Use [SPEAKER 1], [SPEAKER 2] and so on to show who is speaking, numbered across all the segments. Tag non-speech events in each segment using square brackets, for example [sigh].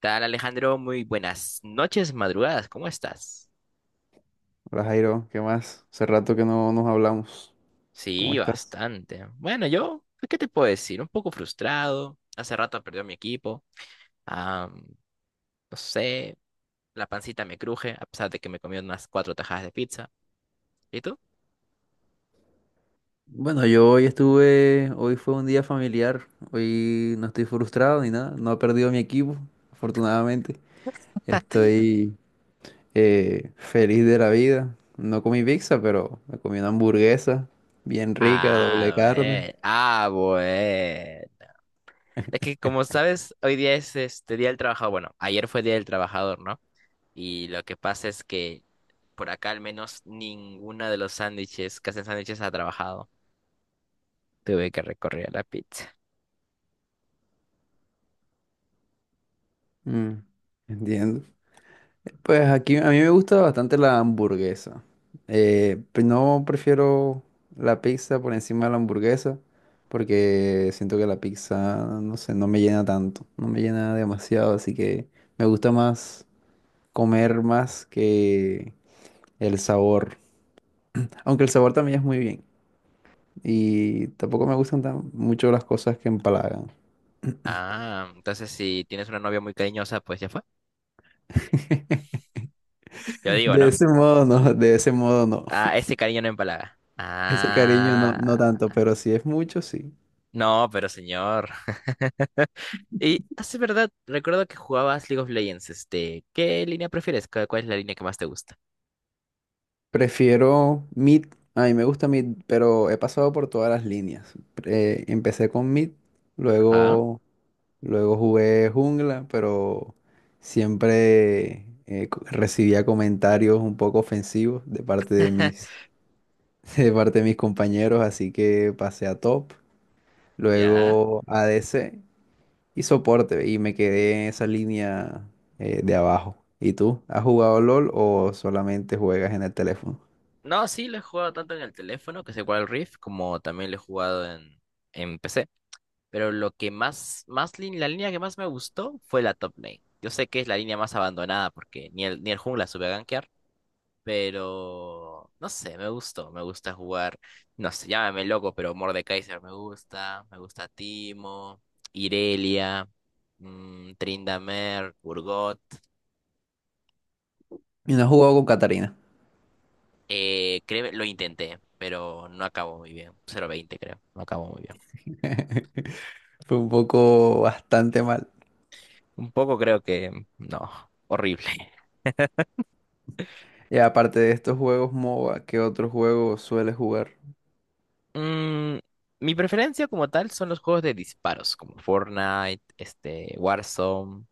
[SPEAKER 1] Tal Alejandro, muy buenas noches, madrugadas, ¿cómo estás?
[SPEAKER 2] Hola Jairo, ¿qué más? Hace rato que no nos hablamos. ¿Cómo
[SPEAKER 1] Sí,
[SPEAKER 2] estás?
[SPEAKER 1] bastante. Bueno, yo, ¿qué te puedo decir? Un poco frustrado. Hace rato perdió mi equipo. Ah, no sé, la pancita me cruje, a pesar de que me comí unas cuatro tajadas de pizza. ¿Y tú?
[SPEAKER 2] Bueno, yo hoy estuve, hoy fue un día familiar, hoy no estoy frustrado ni nada, no he perdido mi equipo, afortunadamente. Estoy feliz de la vida. No comí pizza, pero me comí una hamburguesa bien rica, doble
[SPEAKER 1] Ah,
[SPEAKER 2] carne.
[SPEAKER 1] bueno. Ah, bueno. Es que como sabes, hoy día es este Día del Trabajador. Bueno, ayer fue Día del Trabajador, ¿no? Y lo que pasa es que por acá al menos ninguna de los sándwiches que hacen sándwiches ha trabajado. Tuve que recorrer a la pizza.
[SPEAKER 2] Mm, entiendo. Pues aquí a mí me gusta bastante la hamburguesa. Pues no prefiero la pizza por encima de la hamburguesa porque siento que la pizza, no sé, no me llena tanto, no me llena demasiado, así que me gusta más comer más que el sabor. Aunque el sabor también es muy bien y tampoco me gustan tan mucho las cosas que empalagan.
[SPEAKER 1] Ah, entonces si tienes una novia muy cariñosa, pues ya fue.
[SPEAKER 2] [laughs]
[SPEAKER 1] Yo digo,
[SPEAKER 2] De
[SPEAKER 1] ¿no?
[SPEAKER 2] ese modo no, de ese modo no.
[SPEAKER 1] Ah, ese cariño no empalaga.
[SPEAKER 2] Ese cariño no, no
[SPEAKER 1] Ah,
[SPEAKER 2] tanto, pero si es mucho, sí.
[SPEAKER 1] no, pero señor. Y hace verdad, recuerdo que jugabas League of Legends, este, ¿qué línea prefieres? ¿Cuál es la línea que más te gusta?
[SPEAKER 2] Prefiero Mid, a mí me gusta Mid, pero he pasado por todas las líneas. Empecé con Mid,
[SPEAKER 1] Ajá.
[SPEAKER 2] luego, luego jugué jungla, pero siempre recibía comentarios un poco ofensivos de parte de
[SPEAKER 1] [laughs]
[SPEAKER 2] mis, [laughs] de parte de mis compañeros, así que pasé a top,
[SPEAKER 1] Ya.
[SPEAKER 2] luego a ADC y soporte, y me quedé en esa línea de abajo. ¿Y tú? ¿Has jugado LOL o solamente juegas en el teléfono?
[SPEAKER 1] No, sí, lo he jugado tanto en el teléfono, que es igual al Rift, como también lo he jugado en PC. Pero lo que más la línea que más me gustó fue la top lane. Yo sé que es la línea más abandonada porque ni el jungla sube a gankear, pero no sé, me gustó, me gusta jugar, no sé, llámame loco, pero Mordekaiser me gusta Timo, Irelia, Tryndamere, Urgot.
[SPEAKER 2] ¿Y no has jugado con Catarina?
[SPEAKER 1] Créeme, lo intenté, pero no acabó muy bien. 0-20 creo, no acabó muy bien.
[SPEAKER 2] [laughs] Fue un poco bastante mal.
[SPEAKER 1] Un poco creo que, no, horrible.
[SPEAKER 2] Y aparte de estos juegos MOBA, ¿qué otro juego sueles jugar?
[SPEAKER 1] Mm, Mi preferencia como tal son los juegos de disparos, como Fortnite, este, Warzone,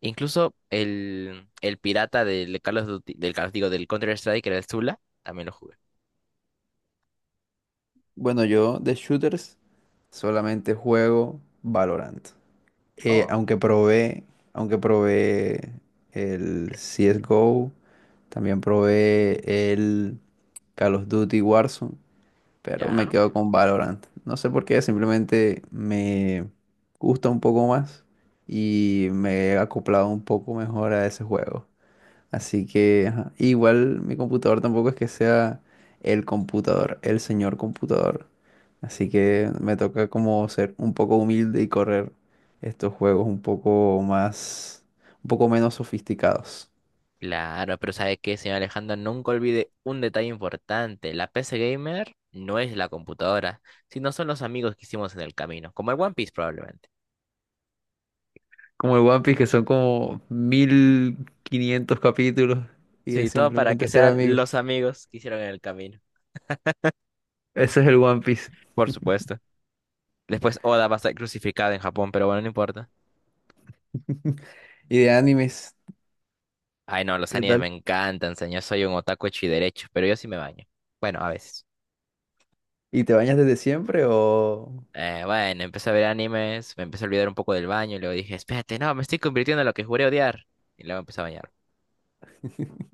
[SPEAKER 1] incluso el pirata del Call of Duty- del Call- digo, del Counter-Strike, que era el Zula, también lo jugué.
[SPEAKER 2] Bueno, yo de shooters solamente juego Valorant. Eh,
[SPEAKER 1] Oh,
[SPEAKER 2] aunque probé, aunque probé el CSGO, también probé el Call of Duty Warzone, pero me
[SPEAKER 1] ya.
[SPEAKER 2] quedo con Valorant. No sé por qué, simplemente me gusta un poco más y me he acoplado un poco mejor a ese juego. Así que ajá, igual mi computador tampoco es que sea el computador, el señor computador. Así que me toca como ser un poco humilde y correr estos juegos un poco más, un poco menos sofisticados.
[SPEAKER 1] Claro, pero ¿sabe qué, señor Alejandro? Nunca olvide un detalle importante. La PC Gamer no es la computadora, sino son los amigos que hicimos en el camino, como el One Piece probablemente.
[SPEAKER 2] Como el One Piece, que son como 1500 capítulos y es
[SPEAKER 1] Sí, todo para que
[SPEAKER 2] simplemente ser
[SPEAKER 1] sean
[SPEAKER 2] amigo.
[SPEAKER 1] los amigos que hicieron en el camino.
[SPEAKER 2] Ese es el One Piece.
[SPEAKER 1] Por supuesto. Después Oda va a ser crucificado en Japón, pero bueno, no importa.
[SPEAKER 2] [laughs] Y de animes,
[SPEAKER 1] Ay, no, los
[SPEAKER 2] ¿qué
[SPEAKER 1] animes me
[SPEAKER 2] tal?
[SPEAKER 1] encantan, señor. Soy un otaku hecho y derecho, pero yo sí me baño. Bueno, a veces.
[SPEAKER 2] ¿Y te bañas desde siempre o?
[SPEAKER 1] Bueno, empecé a ver animes, me empecé a olvidar un poco del baño y luego dije, espérate, no, me estoy convirtiendo en lo que juré odiar. Y luego empecé a bañar.
[SPEAKER 2] [laughs]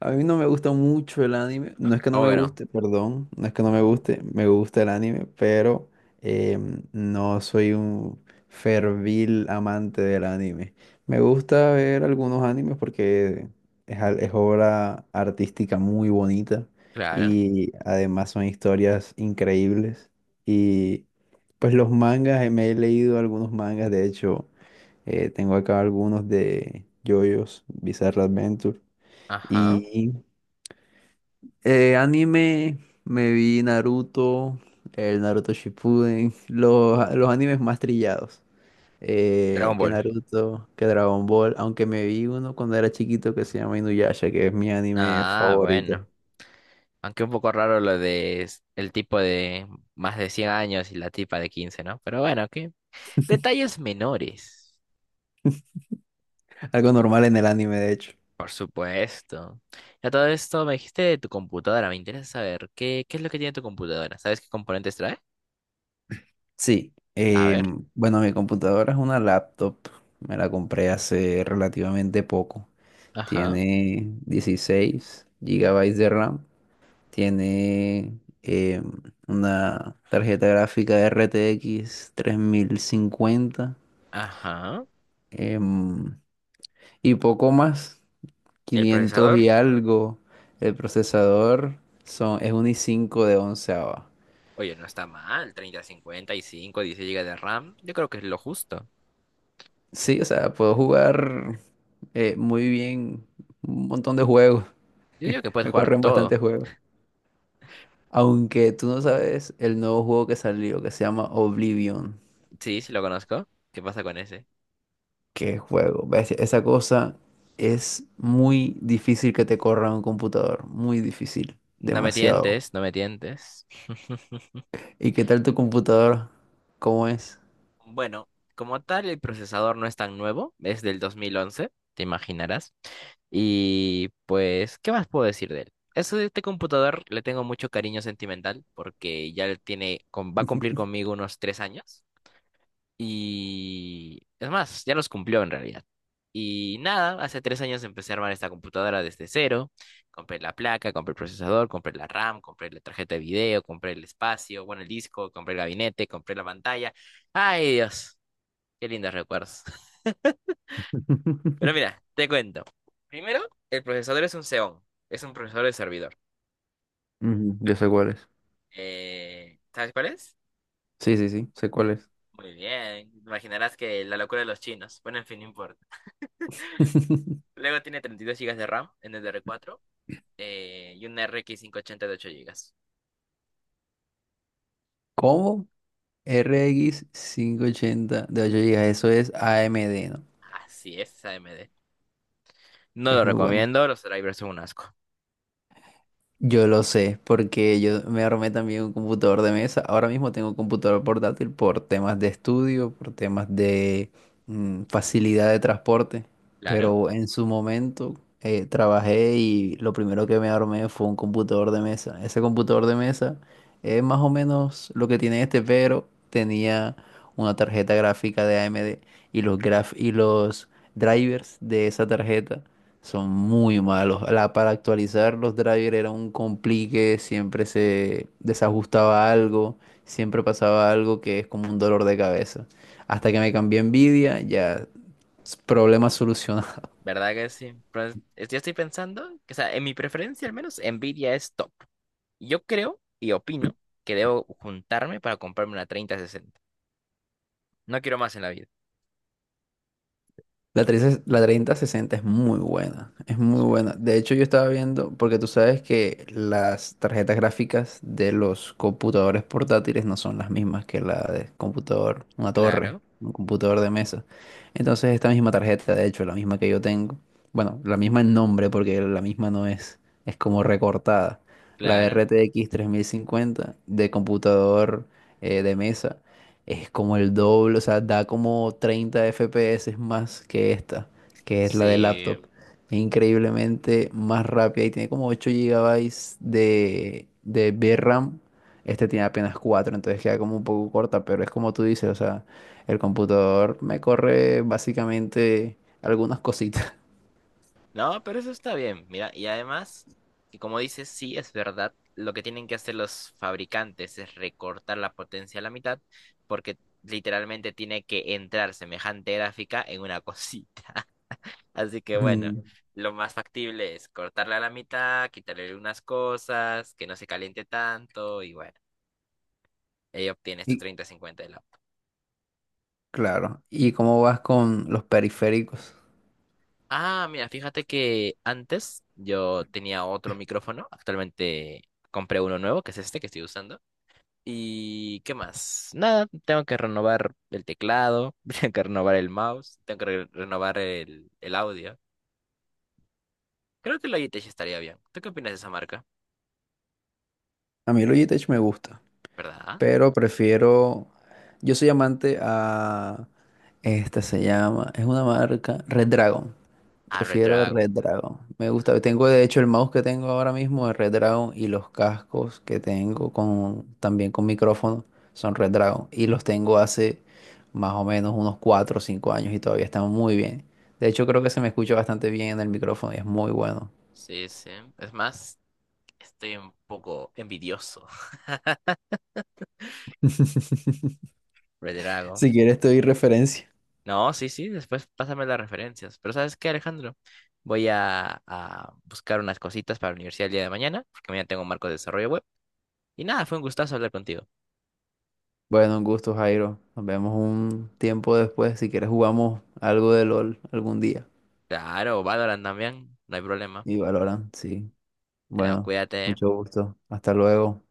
[SPEAKER 2] A mí no me gusta mucho el anime. No es que no
[SPEAKER 1] ¿Cómo
[SPEAKER 2] me
[SPEAKER 1] que no?
[SPEAKER 2] guste, perdón. No es que no me
[SPEAKER 1] No.
[SPEAKER 2] guste. Me gusta el anime, pero no soy un fervil amante del anime. Me gusta ver algunos animes porque es obra artística muy bonita
[SPEAKER 1] Claro.
[SPEAKER 2] y además son historias increíbles. Y pues los mangas, me he leído algunos mangas. De hecho, tengo acá algunos de JoJo's Bizarre Adventure.
[SPEAKER 1] Ajá.
[SPEAKER 2] Y anime, me vi Naruto, el Naruto Shippuden, los animes más trillados.
[SPEAKER 1] Dragon
[SPEAKER 2] Que
[SPEAKER 1] Ball.
[SPEAKER 2] Naruto, que Dragon Ball, aunque me vi uno cuando era chiquito que se llama Inuyasha, que es mi anime
[SPEAKER 1] Ah,
[SPEAKER 2] favorito.
[SPEAKER 1] bueno. Aunque un poco raro lo de el tipo de más de 100 años y la tipa de 15, ¿no? Pero bueno, ¿qué? Detalles menores.
[SPEAKER 2] Algo normal en el anime, de hecho.
[SPEAKER 1] Por supuesto. Ya todo esto me dijiste de tu computadora. Me interesa saber qué es lo que tiene tu computadora. ¿Sabes qué componentes trae?
[SPEAKER 2] Sí,
[SPEAKER 1] A ver.
[SPEAKER 2] bueno, mi computadora es una laptop, me la compré hace relativamente poco.
[SPEAKER 1] Ajá.
[SPEAKER 2] Tiene 16 GB de RAM. Tiene una tarjeta gráfica RTX 3050
[SPEAKER 1] Ajá.
[SPEAKER 2] em, y poco más,
[SPEAKER 1] El
[SPEAKER 2] quinientos
[SPEAKER 1] procesador.
[SPEAKER 2] y algo. El procesador es un i5 de 11ava.
[SPEAKER 1] Oye, no está mal. Treinta cincuenta y cinco, 16 gigas de RAM. Yo creo que es lo justo.
[SPEAKER 2] Sí, o sea, puedo jugar muy bien un montón de juegos.
[SPEAKER 1] Yo digo que
[SPEAKER 2] [laughs]
[SPEAKER 1] puedes
[SPEAKER 2] Me
[SPEAKER 1] jugar
[SPEAKER 2] corren
[SPEAKER 1] todo.
[SPEAKER 2] bastantes juegos. Aunque tú no sabes el nuevo juego que salió que se llama Oblivion.
[SPEAKER 1] Sí, sí lo conozco. ¿Qué pasa con ese?
[SPEAKER 2] Qué juego. ¿Ves? Esa cosa es muy difícil que te corra un computador. Muy difícil.
[SPEAKER 1] No me
[SPEAKER 2] Demasiado.
[SPEAKER 1] tientes, no me tientes. [laughs]
[SPEAKER 2] ¿Y qué tal tu computador? ¿Cómo es?
[SPEAKER 1] Bueno, como tal, el procesador no es tan nuevo, es del 2011, te imaginarás. Y pues, ¿qué más puedo decir de él? Eso de este computador le tengo mucho cariño sentimental porque ya le tiene, va a cumplir conmigo unos 3 años. Y es más, ya los cumplió en realidad. Y nada, hace 3 años empecé a armar esta computadora desde cero. Compré la placa, compré el procesador, compré la RAM, compré la tarjeta de video, compré el espacio, bueno, el disco, compré el gabinete, compré la pantalla. Ay, Dios. Qué lindos recuerdos. [laughs] Pero
[SPEAKER 2] [laughs]
[SPEAKER 1] mira, te cuento. Primero, el procesador es un Xeon. Es un procesador de servidor.
[SPEAKER 2] Ujú, yo sé cuál es.
[SPEAKER 1] ¿Sabes cuál es?
[SPEAKER 2] Sí, sí, sí. Sé cuál es.
[SPEAKER 1] Muy bien. Imaginarás que la locura de los chinos. Bueno, en fin, no importa.
[SPEAKER 2] [laughs]
[SPEAKER 1] Luego tiene 32 gigas de RAM en DDR4 y una RX 580 de 8 gigas.
[SPEAKER 2] ¿Cómo? RX 580 de 8 gigas. Eso es AMD, ¿no?
[SPEAKER 1] Así es, AMD. No
[SPEAKER 2] Es
[SPEAKER 1] lo
[SPEAKER 2] muy bueno.
[SPEAKER 1] recomiendo, los drivers son un asco.
[SPEAKER 2] Yo lo sé, porque yo me armé también un computador de mesa. Ahora mismo tengo un computador portátil por temas de estudio, por temas de facilidad de transporte.
[SPEAKER 1] Claro,
[SPEAKER 2] Pero en su momento trabajé y lo primero que me armé fue un computador de mesa. Ese computador de mesa es más o menos lo que tiene este, pero tenía una tarjeta gráfica de AMD y los drivers de esa tarjeta son muy malos. Para actualizar los drivers era un complique, siempre se desajustaba algo, siempre pasaba algo que es como un dolor de cabeza. Hasta que me cambié a Nvidia, ya problema solucionado.
[SPEAKER 1] ¿verdad que sí? Pues, yo estoy pensando que, o sea, en mi preferencia al menos, Nvidia es top. Yo creo y opino que debo juntarme para comprarme una 3060. No quiero más en la vida.
[SPEAKER 2] La 30, la 3060 es muy buena, es muy
[SPEAKER 1] Sí.
[SPEAKER 2] buena. De hecho, yo estaba viendo, porque tú sabes que las tarjetas gráficas de los computadores portátiles no son las mismas que la de computador, una torre,
[SPEAKER 1] Claro,
[SPEAKER 2] un computador de mesa. Entonces, esta misma tarjeta, de hecho, la misma que yo tengo, bueno, la misma en nombre, porque la misma no es, es como recortada. La
[SPEAKER 1] claro.
[SPEAKER 2] RTX 3050 de computador de mesa es como el doble, o sea, da como 30 FPS más que esta, que es la de
[SPEAKER 1] Sí.
[SPEAKER 2] laptop. Es increíblemente más rápida y tiene como 8 GB de VRAM. Este tiene apenas 4 entonces queda como un poco corta, pero es como tú dices, o sea, el computador me corre básicamente algunas cositas. [laughs]
[SPEAKER 1] No, pero eso está bien. Mira, y además, y como dices, sí, es verdad. Lo que tienen que hacer los fabricantes es recortar la potencia a la mitad, porque literalmente tiene que entrar semejante gráfica en una cosita. [laughs] Así que bueno,
[SPEAKER 2] Mm,
[SPEAKER 1] lo más factible es cortarla a la mitad, quitarle unas cosas, que no se caliente tanto, y bueno. Ahí obtienes tu
[SPEAKER 2] y
[SPEAKER 1] 3050 de la...
[SPEAKER 2] claro, ¿y cómo vas con los periféricos?
[SPEAKER 1] Ah, mira, fíjate que antes yo tenía otro micrófono, actualmente compré uno nuevo, que es este que estoy usando. ¿Y qué más? Nada, tengo que renovar el teclado, [laughs] tengo que renovar el mouse, tengo que renovar el audio. Creo que Logitech estaría bien. ¿Tú qué opinas de esa marca?
[SPEAKER 2] A mí el Logitech me gusta,
[SPEAKER 1] ¿Verdad?
[SPEAKER 2] pero prefiero. Yo soy amante a. Esta se llama, es una marca Red Dragon.
[SPEAKER 1] Ah,
[SPEAKER 2] Prefiero Red
[SPEAKER 1] Redragon.
[SPEAKER 2] Dragon. Me gusta, tengo de hecho el mouse que tengo ahora mismo es Red Dragon y los cascos que tengo con también con micrófono son Red Dragon y los tengo hace más o menos unos 4 o 5 años y todavía están muy bien. De hecho creo que se me escucha bastante bien en el micrófono y es muy bueno.
[SPEAKER 1] Sí, sí. Es más, estoy un poco envidioso. [laughs]
[SPEAKER 2] [laughs]
[SPEAKER 1] Redragon.
[SPEAKER 2] Si quieres te doy referencia.
[SPEAKER 1] No, sí, sí, después pásame las referencias. Pero ¿sabes qué, Alejandro? Voy a buscar unas cositas para la universidad el día de mañana, porque mañana tengo un marco de desarrollo web. Y nada, fue un gustazo hablar contigo.
[SPEAKER 2] Bueno, un gusto, Jairo. Nos vemos un tiempo después. Si quieres jugamos algo de LOL algún día.
[SPEAKER 1] Claro, Valorant también, no hay problema.
[SPEAKER 2] Y valoran, sí.
[SPEAKER 1] Bueno,
[SPEAKER 2] Bueno,
[SPEAKER 1] cuídate, ¿eh?
[SPEAKER 2] mucho gusto. Hasta luego.